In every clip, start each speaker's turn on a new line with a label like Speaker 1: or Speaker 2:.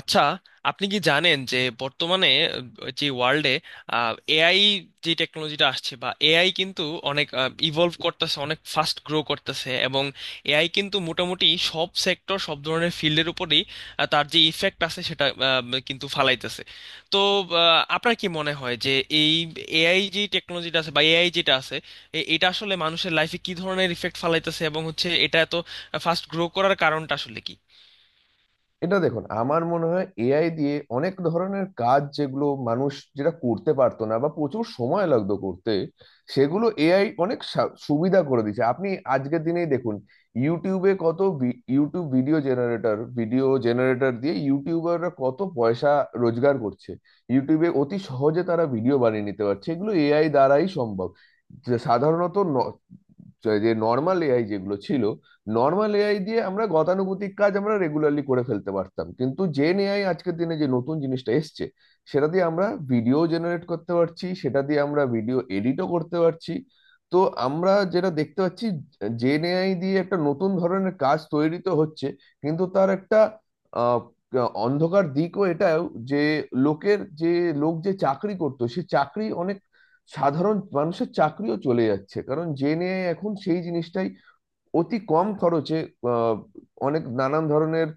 Speaker 1: আচ্ছা। আপনি কি জানেন যে বর্তমানে যে ওয়ার্ল্ডে এআই যে টেকনোলজিটা আসছে বা এআই কিন্তু অনেক ইভলভ করতেছে, অনেক ফাস্ট গ্রো করতেছে, এবং এআই কিন্তু মোটামুটি সব সেক্টর, সব ধরনের ফিল্ডের উপরেই তার যে ইফেক্ট আছে সেটা কিন্তু ফালাইতেছে। তো আপনার কি মনে হয় যে এই এআই যে টেকনোলজিটা আছে বা এআই যেটা আছে, এটা আসলে মানুষের লাইফে কি ধরনের ইফেক্ট ফালাইতেছে এবং হচ্ছে এটা এত ফাস্ট গ্রো করার কারণটা আসলে কি?
Speaker 2: এটা দেখুন, আমার মনে হয় এআই দিয়ে অনেক ধরনের কাজ যেগুলো মানুষ যেটা করতে পারতো না বা প্রচুর সময় লাগতো করতে, সেগুলো এআই অনেক সুবিধা করে দিয়েছে। আপনি আজকের দিনেই দেখুন, ইউটিউবে কত ইউটিউব ভিডিও জেনারেটর দিয়ে ইউটিউবাররা কত পয়সা রোজগার করছে। ইউটিউবে অতি সহজে তারা ভিডিও বানিয়ে নিতে পারছে, এগুলো এআই দ্বারাই সম্ভব। যে সাধারণত ন- যে নর্মাল এআই যেগুলো ছিল, নর্মাল এআই দিয়ে আমরা গতানুগতিক কাজ আমরা রেগুলারলি করে ফেলতে পারতাম, কিন্তু জেন এআই আজকের দিনে যে নতুন জিনিসটা এসছে, সেটা দিয়ে আমরা ভিডিও জেনারেট করতে পারছি, সেটা দিয়ে আমরা ভিডিও এডিটও করতে পারছি। তো আমরা যেটা দেখতে পাচ্ছি, জেন এআই দিয়ে একটা নতুন ধরনের কাজ তৈরি তো হচ্ছে, কিন্তু তার একটা আহ, অন্ধকার দিকও এটাও, যে লোকের যে লোক যে চাকরি করতো সে চাকরি অনেক, সাধারণ মানুষের চাকরিও চলে যাচ্ছে, কারণ জেন এআই এখন সেই জিনিসটাই অতি কম খরচে, আহ, অনেক নানান ধরনের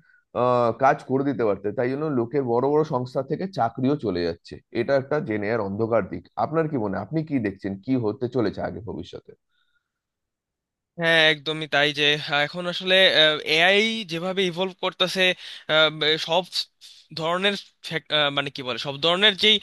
Speaker 2: কাজ করে দিতে পারতে, তাই জন্য লোকে বড় বড় সংস্থা থেকে চাকরিও চলে যাচ্ছে। এটা একটা জেনে আর অন্ধকার দিক। আপনার কি মনে হয়? আপনি কি দেখছেন কি হতে চলেছে আগে ভবিষ্যতে?
Speaker 1: হ্যাঁ, একদমই তাই যে এখন আসলে এআই যেভাবে ইভলভ করতেছে, সব ধরনের মানে কি বলে, সব ধরনের যেই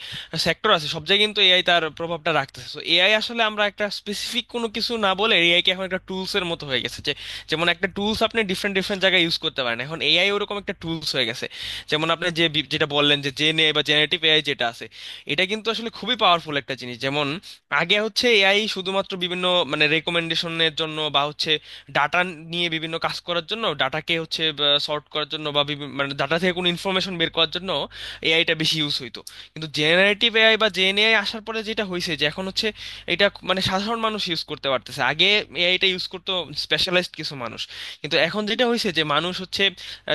Speaker 1: সেক্টর আছে সব জায়গায় কিন্তু এআই তার প্রভাবটা রাখতেছে। তো এআই আসলে আমরা একটা স্পেসিফিক কোনো কিছু না বলে, এআই কে এখন একটা টুলস এর মতো হয়ে গেছে যে, যেমন একটা টুলস আপনি ডিফারেন্ট ডিফারেন্ট জায়গায় ইউজ করতে পারেন, এখন এআই ওরকম একটা টুলস হয়ে গেছে। যেমন আপনি যেটা বললেন যে জেনে বা জেনারেটিভ এআই যেটা আছে, এটা কিন্তু আসলে খুবই পাওয়ারফুল একটা জিনিস। যেমন আগে হচ্ছে এআই শুধুমাত্র বিভিন্ন মানে রেকমেন্ডেশনের জন্য বা হচ্ছে ডাটা নিয়ে বিভিন্ন কাজ করার জন্য, ডাটাকে হচ্ছে সর্ট করার জন্য বা মানে ডাটা থেকে কোনো ইনফরমেশন বের করার জন্য এআইটা বেশি ইউজ হইতো। কিন্তু জেনারেটিভ এআই বা জেএনএআই আসার পরে যেটা হয়েছে যে এখন হচ্ছে এটা মানে সাধারণ মানুষ ইউজ করতে পারতেছে। আগে এআইটা ইউজ করতো স্পেশালাইজড কিছু মানুষ, কিন্তু এখন যেটা হয়েছে যে মানুষ হচ্ছে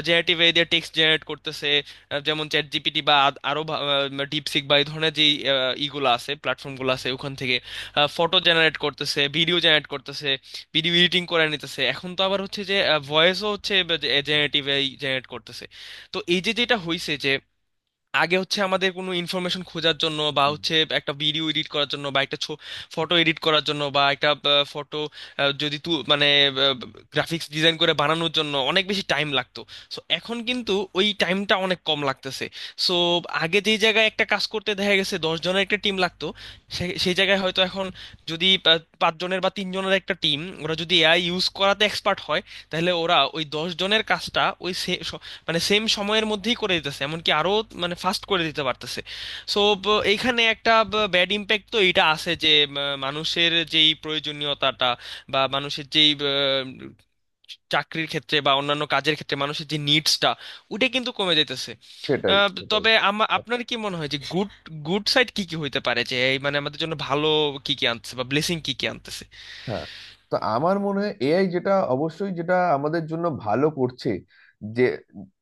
Speaker 1: জেনারেটিভ এআই দিয়ে টেক্সট জেনারেট করতেছে, যেমন চ্যাট জিপিটি বা আরো ডিপসিক বা এই ধরনের যে ইগুলো আছে, প্ল্যাটফর্মগুলো আছে, ওখান থেকে ফটো জেনারেট করতেছে, ভিডিও জেনারেট করতেছে, ভিডিও এডিটিং করে নিতেছে। এখন তো আবার হচ্ছে যে ভয়েসও হচ্ছে জেনারেটিভ জেনারেট করতেছে। তো এই যে যেটা হয়েছে যে আগে হচ্ছে আমাদের কোনো ইনফরমেশন খোঁজার জন্য বা
Speaker 2: হুম।
Speaker 1: হচ্ছে একটা ভিডিও এডিট করার জন্য বা একটা ফটো এডিট করার জন্য বা একটা ফটো যদি তু মানে গ্রাফিক্স ডিজাইন করে বানানোর জন্য অনেক বেশি টাইম লাগতো, সো এখন কিন্তু ওই টাইমটা অনেক কম লাগতেছে। সো আগে যেই জায়গায় একটা কাজ করতে দেখা গেছে 10 জনের একটা টিম লাগতো, সেই জায়গায় হয়তো এখন যদি পাঁচ জনের বা তিন জনের একটা টিম ওরা যদি এআই ইউজ করাতে এক্সপার্ট হয়, তাহলে ওরা ওই 10 জনের কাজটা ওই মানে সেম সময়ের মধ্যেই করে দিতেছে, এমনকি আরো মানে ফাস্ট করে দিতে পারতেছে। সো এইখানে একটা ব্যাড ইম্প্যাক্ট তো এটা আছে যে মানুষের যেই প্রয়োজনীয়তাটা বা মানুষের যেই চাকরির ক্ষেত্রে বা অন্যান্য কাজের ক্ষেত্রে মানুষের যে নিডসটা, ওটা কিন্তু কমে যাইতেছে।
Speaker 2: সেটাই, সেটাই।
Speaker 1: তবে আমার আপনার কি মনে হয় যে গুড, গুড সাইড কি কি হইতে পারে, যে এই মানে আমাদের জন্য ভালো কি কি আনতেছে বা ব্লেসিং কি কি আনতেছে?
Speaker 2: হ্যাঁ, তো আমার মনে হয় এআই যেটা অবশ্যই যেটা আমাদের জন্য ভালো করছে, যে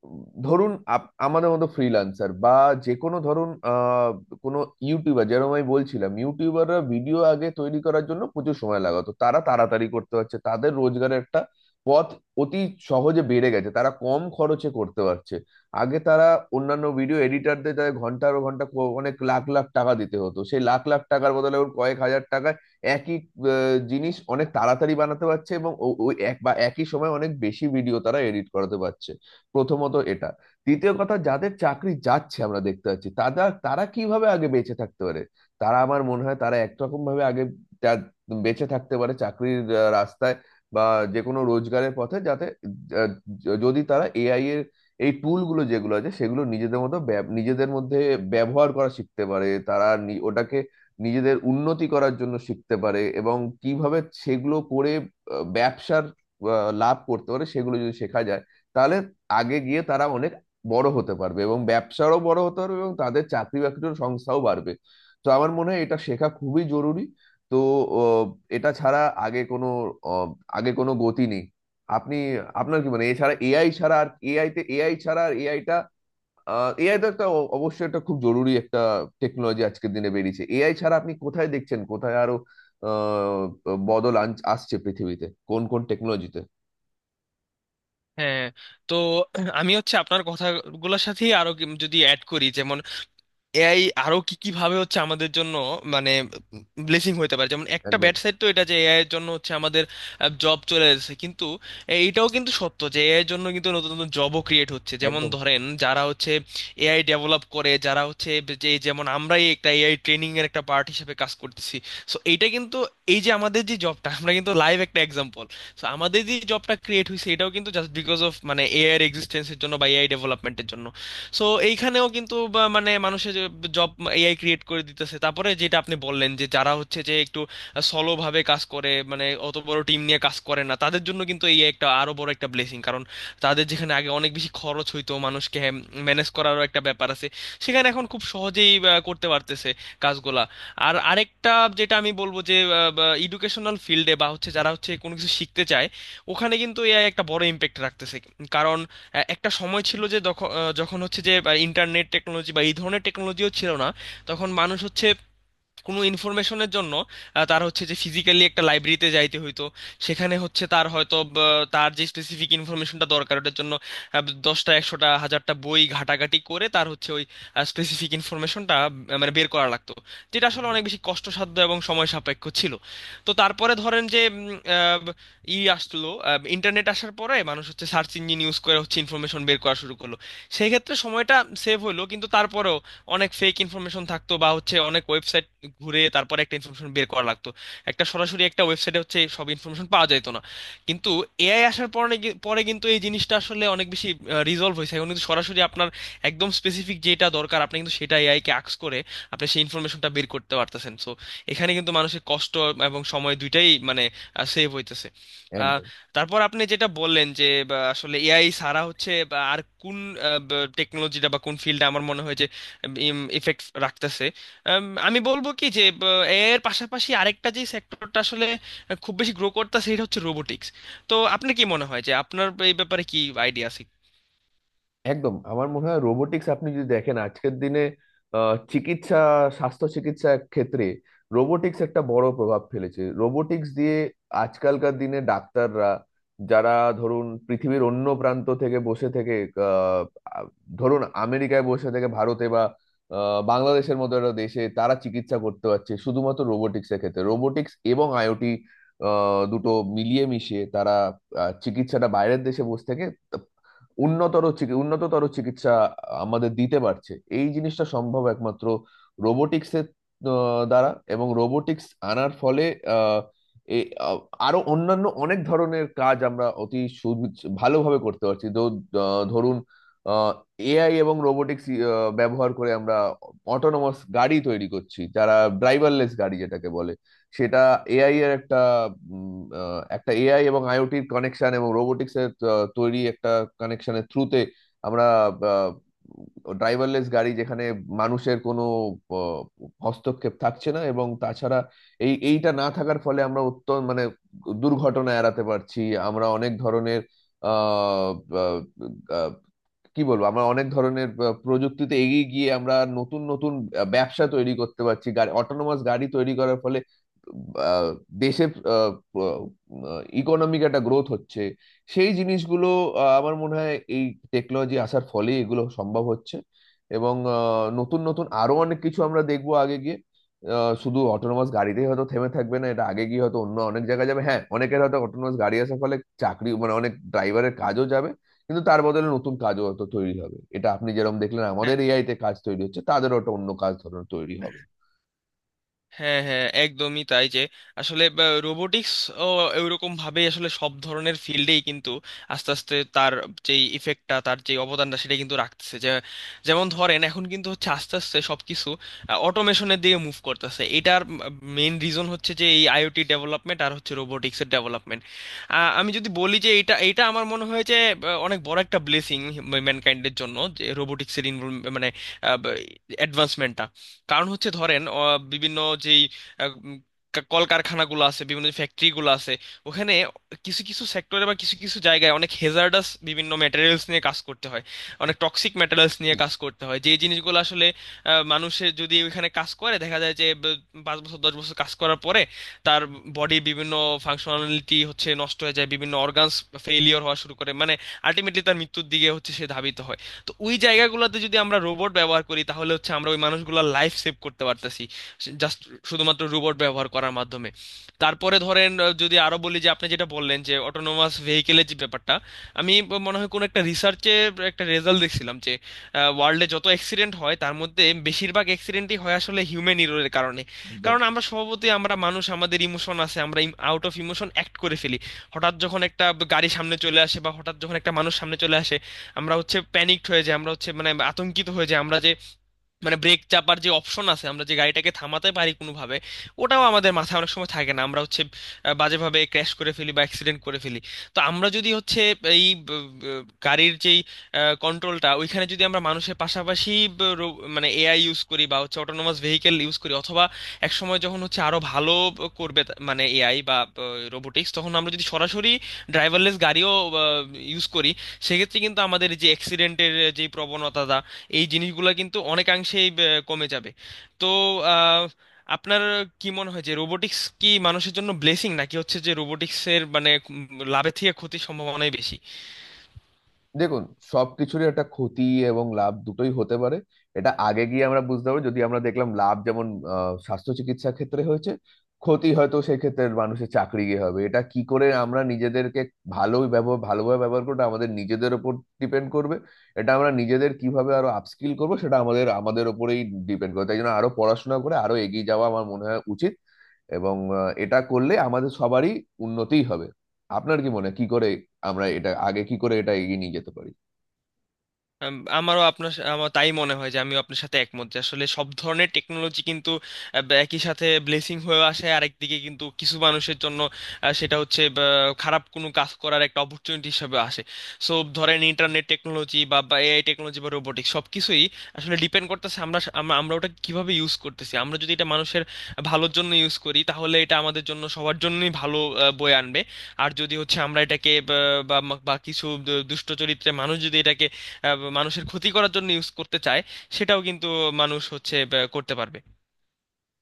Speaker 2: ধরুন আমাদের মতো ফ্রিল্যান্সার বা যে কোনো, ধরুন কোনো ইউটিউবার, যেরকম আমি বলছিলাম ইউটিউবাররা ভিডিও আগে তৈরি করার জন্য প্রচুর সময় লাগাতো, তারা তাড়াতাড়ি করতে পারছে, তাদের রোজগারের একটা পথ অতি সহজে বেড়ে গেছে, তারা কম খরচে করতে পারছে। আগে তারা অন্যান্য ভিডিও এডিটারদের তাদের ঘন্টার ঘন্টা অনেক লাখ লাখ টাকা দিতে হতো, সেই লাখ লাখ টাকার বদলে ওর কয়েক হাজার টাকা একই জিনিস অনেক তাড়াতাড়ি বানাতে পারছে, এবং ওই এক বা একই সময় অনেক বেশি ভিডিও তারা এডিট করাতে পারছে। প্রথমত এটা। দ্বিতীয় কথা, যাদের চাকরি যাচ্ছে আমরা দেখতে পাচ্ছি, তারা তারা কিভাবে আগে বেঁচে থাকতে পারে, তারা আমার মনে হয় তারা একরকম ভাবে আগে যা- বেঁচে থাকতে পারে চাকরির রাস্তায় বা যে কোনো রোজগারের পথে, যাতে আহ, যদি তারা এআই এর এই টুলগুলো যেগুলো আছে সেগুলো নিজেদের মতো নিজেদের মধ্যে ব্যবহার করা শিখতে পারে, তারা ওটাকে নিজেদের উন্নতি করার জন্য শিখতে পারে, এবং কিভাবে সেগুলো করে ব্যবসার লাভ করতে পারে সেগুলো যদি শেখা যায়, তাহলে আগে গিয়ে তারা অনেক বড় হতে পারবে এবং ব্যবসারও বড় হতে পারবে এবং তাদের চাকরি বাকরির সংস্থাও বাড়বে। তো আমার মনে হয় এটা শেখা খুবই জরুরি। তো আহ, এটা ছাড়া আগে কোনো, আহ, গতি নেই। আপনি আপনার কি মানে, এছাড়া এআই ছাড়া আর এআই তে এআই ছাড়া আর এআইটা, এআই তো একটা অবশ্যই একটা খুব জরুরি একটা টেকনোলজি আজকের দিনে বেরিয়েছে। এআই ছাড়া আপনি কোথায় দেখছেন, কোথায় আরো আহ, বদল আসছে পৃথিবীতে, কোন কোন টেকনোলজিতে?
Speaker 1: হ্যাঁ। তো আমি হচ্ছে আপনার কথাগুলোর সাথেই আরো যদি অ্যাড করি, যেমন এআই আরো কি কি ভাবে হচ্ছে আমাদের জন্য মানে ব্লেসিং হইতে পারে। যেমন একটা
Speaker 2: একদম,
Speaker 1: ব্যাড সাইড তো এটা যে এআই এর জন্য হচ্ছে আমাদের জব চলে যাচ্ছে, কিন্তু এইটাও কিন্তু সত্য যে এআই এর জন্য কিন্তু নতুন নতুন জবও ক্রিয়েট হচ্ছে। যেমন
Speaker 2: একদম,
Speaker 1: ধরেন যারা হচ্ছে এআই ডেভেলপ করে, যারা হচ্ছে, যে যেমন আমরাই একটা এআই ট্রেনিং এর একটা পার্ট হিসেবে কাজ করতেছি। সো এইটা কিন্তু, এই যে আমাদের যে জবটা, আমরা কিন্তু লাইভ একটা এক্সাম্পল। সো আমাদের যে জবটা ক্রিয়েট হয়েছে এটাও কিন্তু জাস্ট বিকজ অফ মানে এআই এর এক্সিস্টেন্সের জন্য বা এআই ডেভেলপমেন্টের জন্য। সো এইখানেও কিন্তু বা মানে মানুষের জব এআই ক্রিয়েট করে দিতেছে। তারপরে যেটা আপনি বললেন যে যারা হচ্ছে যে একটু সলো ভাবে কাজ করে, মানে অত বড় টিম নিয়ে কাজ করে না, তাদের জন্য কিন্তু এই একটা আরো বড় একটা ব্লেসিং। কারণ তাদের যেখানে আগে অনেক বেশি খরচ হইতো, মানুষকে ম্যানেজ করারও একটা ব্যাপার আছে, সেখানে এখন খুব সহজেই করতে পারতেছে কাজগুলা। আর আরেকটা যেটা আমি বলবো যে এডুকেশনাল ফিল্ডে বা educational field এ বা হচ্ছে যারা হচ্ছে কোনো কিছু শিখতে চায়, ওখানে কিন্তু এআই একটা বড় ইম্প্যাক্ট রাখতেছে। কারণ একটা সময় ছিল যে যখন হচ্ছে যে ইন্টারনেট টেকনোলজি বা এই ধরনের টেকনোলজিও ছিল না, তখন মানুষ হচ্ছে কোনো ইনফরমেশনের জন্য তার হচ্ছে যে ফিজিক্যালি একটা লাইব্রেরিতে যাইতে হইতো। সেখানে হচ্ছে তার হয়তো তার যে স্পেসিফিক ইনফরমেশনটা দরকার ওটার জন্য 10টা 100টা 1000টা বই ঘাটাঘাটি করে তার হচ্ছে ওই স্পেসিফিক ইনফরমেশনটা মানে বের করা লাগতো, যেটা আসলে
Speaker 2: একদম,
Speaker 1: অনেক বেশি কষ্টসাধ্য এবং সময় সাপেক্ষ ছিল। তো তারপরে ধরেন যে ই আসলো, ইন্টারনেট আসার পরে মানুষ হচ্ছে সার্চ ইঞ্জিন ইউজ করে হচ্ছে ইনফরমেশন বের করা শুরু করলো। সেই ক্ষেত্রে সময়টা সেভ হলো, কিন্তু তারপরেও অনেক ফেক ইনফরমেশন থাকতো বা হচ্ছে অনেক ওয়েবসাইট ঘুরে তারপরে একটা ইনফরমেশন বের করা লাগতো। একটা সরাসরি একটা ওয়েবসাইটে হচ্ছে সব ইনফরমেশন পাওয়া যেত না। কিন্তু এআই আসার পরে কিন্তু এই জিনিসটা আসলে অনেক বেশি রিজলভ হয়েছে। এখন কিন্তু সরাসরি আপনার একদম স্পেসিফিক যেটা দরকার, আপনি কিন্তু সেটা এআই কে আক্স করে আপনি সেই ইনফরমেশনটা বের করতে পারতেছেন। সো এখানে কিন্তু মানুষের কষ্ট এবং সময় দুইটাই মানে সেভ হইতেছে। আহ,
Speaker 2: একদম,
Speaker 1: তারপর আপনি যেটা বললেন যে বা, আসলে এআই ছাড়া হচ্ছে বা আর কোন টেকনোলজিটা বা কোন ফিল্ডে আমার মনে হয় যে ইফেক্ট রাখতেছে, আমি বলবো কি যে এর পাশাপাশি আরেকটা যে সেক্টরটা আসলে খুব বেশি গ্রো করতেছে, সেটা হচ্ছে রোবোটিক্স। তো আপনার কি মনে হয় যে আপনার এই ব্যাপারে কি আইডিয়া আছে?
Speaker 2: একদম। আমার মনে হয় রোবোটিক্স, আপনি যদি দেখেন আজকের দিনে আহ, চিকিৎসা স্বাস্থ্য চিকিৎসা ক্ষেত্রে রোবোটিক্স একটা বড় প্রভাব ফেলেছে। রোবোটিক্স দিয়ে আজকালকার দিনে ডাক্তাররা যারা, ধরুন পৃথিবীর অন্য প্রান্ত থেকে বসে থেকে, আহ, আ- ধরুন আমেরিকায় বসে থেকে ভারতে বা বাংলাদেশের মতো একটা দেশে তারা চিকিৎসা করতে পারছে, শুধুমাত্র রোবোটিক্স এর ক্ষেত্রে। রোবোটিক্স এবং আইওটি দুটো মিলিয়ে মিশিয়ে তারা চিকিৎসাটা বাইরের দেশে বসে থেকে উন্নততর চিকিৎসা আমাদের দিতে পারছে। এই জিনিসটা সম্ভব একমাত্র রোবোটিক্সের দ্বারা। এবং রোবোটিক্স আনার ফলে আহ, এ আ- আরো অন্যান্য অনেক ধরনের কাজ আমরা অতি ভালোভাবে করতে পারছি। তো ধরুন, এআই এবং রোবোটিক্স ব্যবহার করে আমরা অটোনোমাস গাড়ি তৈরি করছি, যারা ড্রাইভারলেস গাড়ি যেটাকে বলে, সেটা এআই এর একটা, একটা এআই এবং আইওটির কানেকশন এবং রোবোটিক্স এর তৈরি একটা কানেকশনের থ্রুতে আমরা ড্রাইভারলেস গাড়ি, যেখানে মানুষের কোনো আহ, হস্তক্ষেপ থাকছে না। এবং তাছাড়া এইটা না থাকার ফলে আমরা অত্যন্ত মানে দুর্ঘটনা এড়াতে পারছি। আমরা অনেক ধরনের আহ কি বলবো, আমরা অনেক ধরনের প্রযুক্তিতে এগিয়ে গিয়ে আমরা নতুন নতুন ব্যবসা তৈরি করতে পারছি। অটোনোমাস গাড়ি তৈরি করার ফলে আহ, দেশের ইকোনমিক একটা গ্রোথ হচ্ছে। সেই জিনিসগুলো, আমার মনে হয় এই টেকনোলজি আসার ফলে এগুলো সম্ভব হচ্ছে। এবং নতুন নতুন আরো অনেক কিছু আমরা দেখবো আগে গিয়ে। শুধু অটোনোমাস গাড়িতেই হয়তো থেমে থাকবে না, এটা আগে গিয়ে হয়তো অন্য অনেক জায়গায় যাবে। হ্যাঁ, অনেকের হয়তো অটোনোমাস গাড়ি আসার ফলে চাকরি, মানে অনেক ড্রাইভারের কাজও যাবে, কিন্তু তার বদলে নতুন কাজও হয়তো তৈরি হবে। এটা আপনি যেরকম দেখলেন আমাদের এআই তে কাজ তৈরি হচ্ছে, তাদেরও একটা অন্য কাজ ধরনের তৈরি হবে।
Speaker 1: হ্যাঁ, হ্যাঁ, একদমই তাই যে আসলে রোবোটিক্স ও এরকম ভাবে আসলে সব ধরনের ফিল্ডেই কিন্তু আস্তে আস্তে তার যেই ইফেক্টটা, তার যে অবদানটা সেটা কিন্তু রাখতেছে। যে যেমন ধরেন এখন কিন্তু হচ্ছে আস্তে আস্তে সবকিছু অটোমেশনের দিকে মুভ করতেছে, এটার মেইন রিজন হচ্ছে যে এই আইওটি ডেভেলপমেন্ট আর হচ্ছে রোবোটিক্সের ডেভেলপমেন্ট। আমি যদি বলি যে এটা এটা আমার মনে হয় যে অনেক বড় একটা ব্লেসিং ম্যানকাইন্ডের জন্য, যে রোবোটিক্সের ইনভলভ মানে অ্যাডভান্সমেন্টটা। কারণ হচ্ছে ধরেন বিভিন্ন যেই আহ, উম, কলকারখানাগুলো আছে, বিভিন্ন ফ্যাক্টরিগুলো আছে, ওখানে কিছু কিছু সেক্টরে বা কিছু কিছু জায়গায় অনেক হেজার্ডাস বিভিন্ন ম্যাটেরিয়ালস নিয়ে কাজ করতে হয়, অনেক টক্সিক ম্যাটেরিয়ালস নিয়ে কাজ করতে হয়। যে জিনিসগুলো আসলে মানুষের যদি ওইখানে কাজ করে দেখা যায় যে 5 বছর 10 বছর কাজ করার পরে তার বডির বিভিন্ন ফাংশনালিটি হচ্ছে নষ্ট হয়ে যায়, বিভিন্ন অর্গানস ফেইলিওর হওয়া শুরু করে, মানে আলটিমেটলি তার মৃত্যুর দিকে হচ্ছে সে ধাবিত হয়। তো ওই জায়গাগুলোতে যদি আমরা রোবট ব্যবহার করি, তাহলে হচ্ছে আমরা ওই মানুষগুলোর লাইফ সেভ করতে পারতেছি, জাস্ট শুধুমাত্র রোবট ব্যবহার করার মাধ্যমে। তারপরে ধরেন যদি আরো বলি যে আপনি যেটা বললেন যে অটোনোমাস ভেহিকেলের যে ব্যাপারটা, আমি মনে হয় কোনো একটা রিসার্চে একটা রেজাল্ট দেখছিলাম যে ওয়ার্ল্ডে যত অ্যাক্সিডেন্ট হয় তার মধ্যে বেশিরভাগ অ্যাক্সিডেন্টই হয় আসলে হিউম্যান এররের কারণে।
Speaker 2: একদম।
Speaker 1: কারণ আমরা স্বভাবতই আমরা মানুষ, আমাদের ইমোশন আছে, আমরা আউট অফ ইমোশন অ্যাক্ট করে ফেলি। হঠাৎ যখন একটা গাড়ি সামনে চলে আসে বা হঠাৎ যখন একটা মানুষ সামনে চলে আসে, আমরা হচ্ছে প্যানিকড হয়ে যাই, আমরা হচ্ছে মানে আতঙ্কিত হয়ে যাই। আমরা যে মানে ব্রেক চাপার যে অপশন আছে, আমরা যে গাড়িটাকে থামাতে পারি কোনোভাবে, ওটাও আমাদের মাথায় অনেক সময় থাকে না, আমরা হচ্ছে বাজেভাবে ক্র্যাশ করে ফেলি বা অ্যাক্সিডেন্ট করে ফেলি। তো আমরা যদি হচ্ছে এই গাড়ির যেই কন্ট্রোলটা, ওইখানে যদি আমরা মানুষের পাশাপাশি মানে এআই ইউজ করি বা হচ্ছে অটোনোমাস ভেহিকেল ইউজ করি, অথবা এক সময় যখন হচ্ছে আরো ভালো করবে মানে এআই বা রোবোটিক্স, তখন আমরা যদি সরাসরি ড্রাইভারলেস গাড়িও ইউজ করি, সেক্ষেত্রে কিন্তু আমাদের যে অ্যাক্সিডেন্টের যে প্রবণতা, এই জিনিসগুলো কিন্তু অনেকাংশেই কমে যাবে। তো আহ, আপনার কি মনে হয় যে রোবোটিক্স কি মানুষের জন্য ব্লেসিং, নাকি হচ্ছে যে রোবোটিক্সের মানে লাভের থেকে ক্ষতির সম্ভাবনাই বেশি?
Speaker 2: দেখুন, সবকিছুরই একটা ক্ষতি এবং লাভ দুটোই হতে পারে। এটা আগে গিয়ে আমরা বুঝতে পারবো। যদি আমরা দেখলাম লাভ যেমন স্বাস্থ্য চিকিৎসা ক্ষেত্রে হয়েছে, ক্ষতি হয়তো সেই ক্ষেত্রে মানুষের চাকরি গিয়ে হবে। এটা কি করে আমরা নিজেদেরকে ভালোভাবে ব্যবহার করবো, এটা আমাদের নিজেদের ওপর ডিপেন্ড করবে। এটা আমরা নিজেদের কিভাবে আরো আপস্কিল করবো, সেটা আমাদের আমাদের ওপরেই ডিপেন্ড করবে। তাই জন্য আরো পড়াশোনা করে আরো এগিয়ে যাওয়া আমার মনে হয় উচিত। এবং এটা করলে আমাদের সবারই উন্নতি হবে। আপনার কি মনে হয় কি করে আমরা এটা আগে, কি করে এটা এগিয়ে নিয়ে যেতে পারি?
Speaker 1: আমার তাই মনে হয় যে আমিও আপনার সাথে একমত যে আসলে সব ধরনের টেকনোলজি কিন্তু বা একই সাথে ব্লেসিং হয়ে আসে, আরেকদিকে কিন্তু কিছু মানুষের জন্য সেটা হচ্ছে বা, খারাপ কোনো কাজ করার একটা অপরচুনিটি হিসেবে আসে। সো ধরেন ইন্টারনেট টেকনোলজি বা এআই টেকনোলজি বা রোবোটিক্স, সব কিছুই আসলে ডিপেন্ড করতেছে আমরা আমরা ওটা কিভাবে ইউজ করতেছি। আমরা যদি এটা মানুষের ভালোর জন্য ইউজ করি, তাহলে এটা আমাদের জন্য সবার জন্যই ভালো বয়ে আনবে। আর যদি হচ্ছে আমরা এটাকে বা বা কিছু দুষ্ট চরিত্রের মানুষ যদি এটাকে মানুষের ক্ষতি করার জন্য ইউজ করতে চায়, সেটাও কিন্তু মানুষ হচ্ছে করতে পারবে।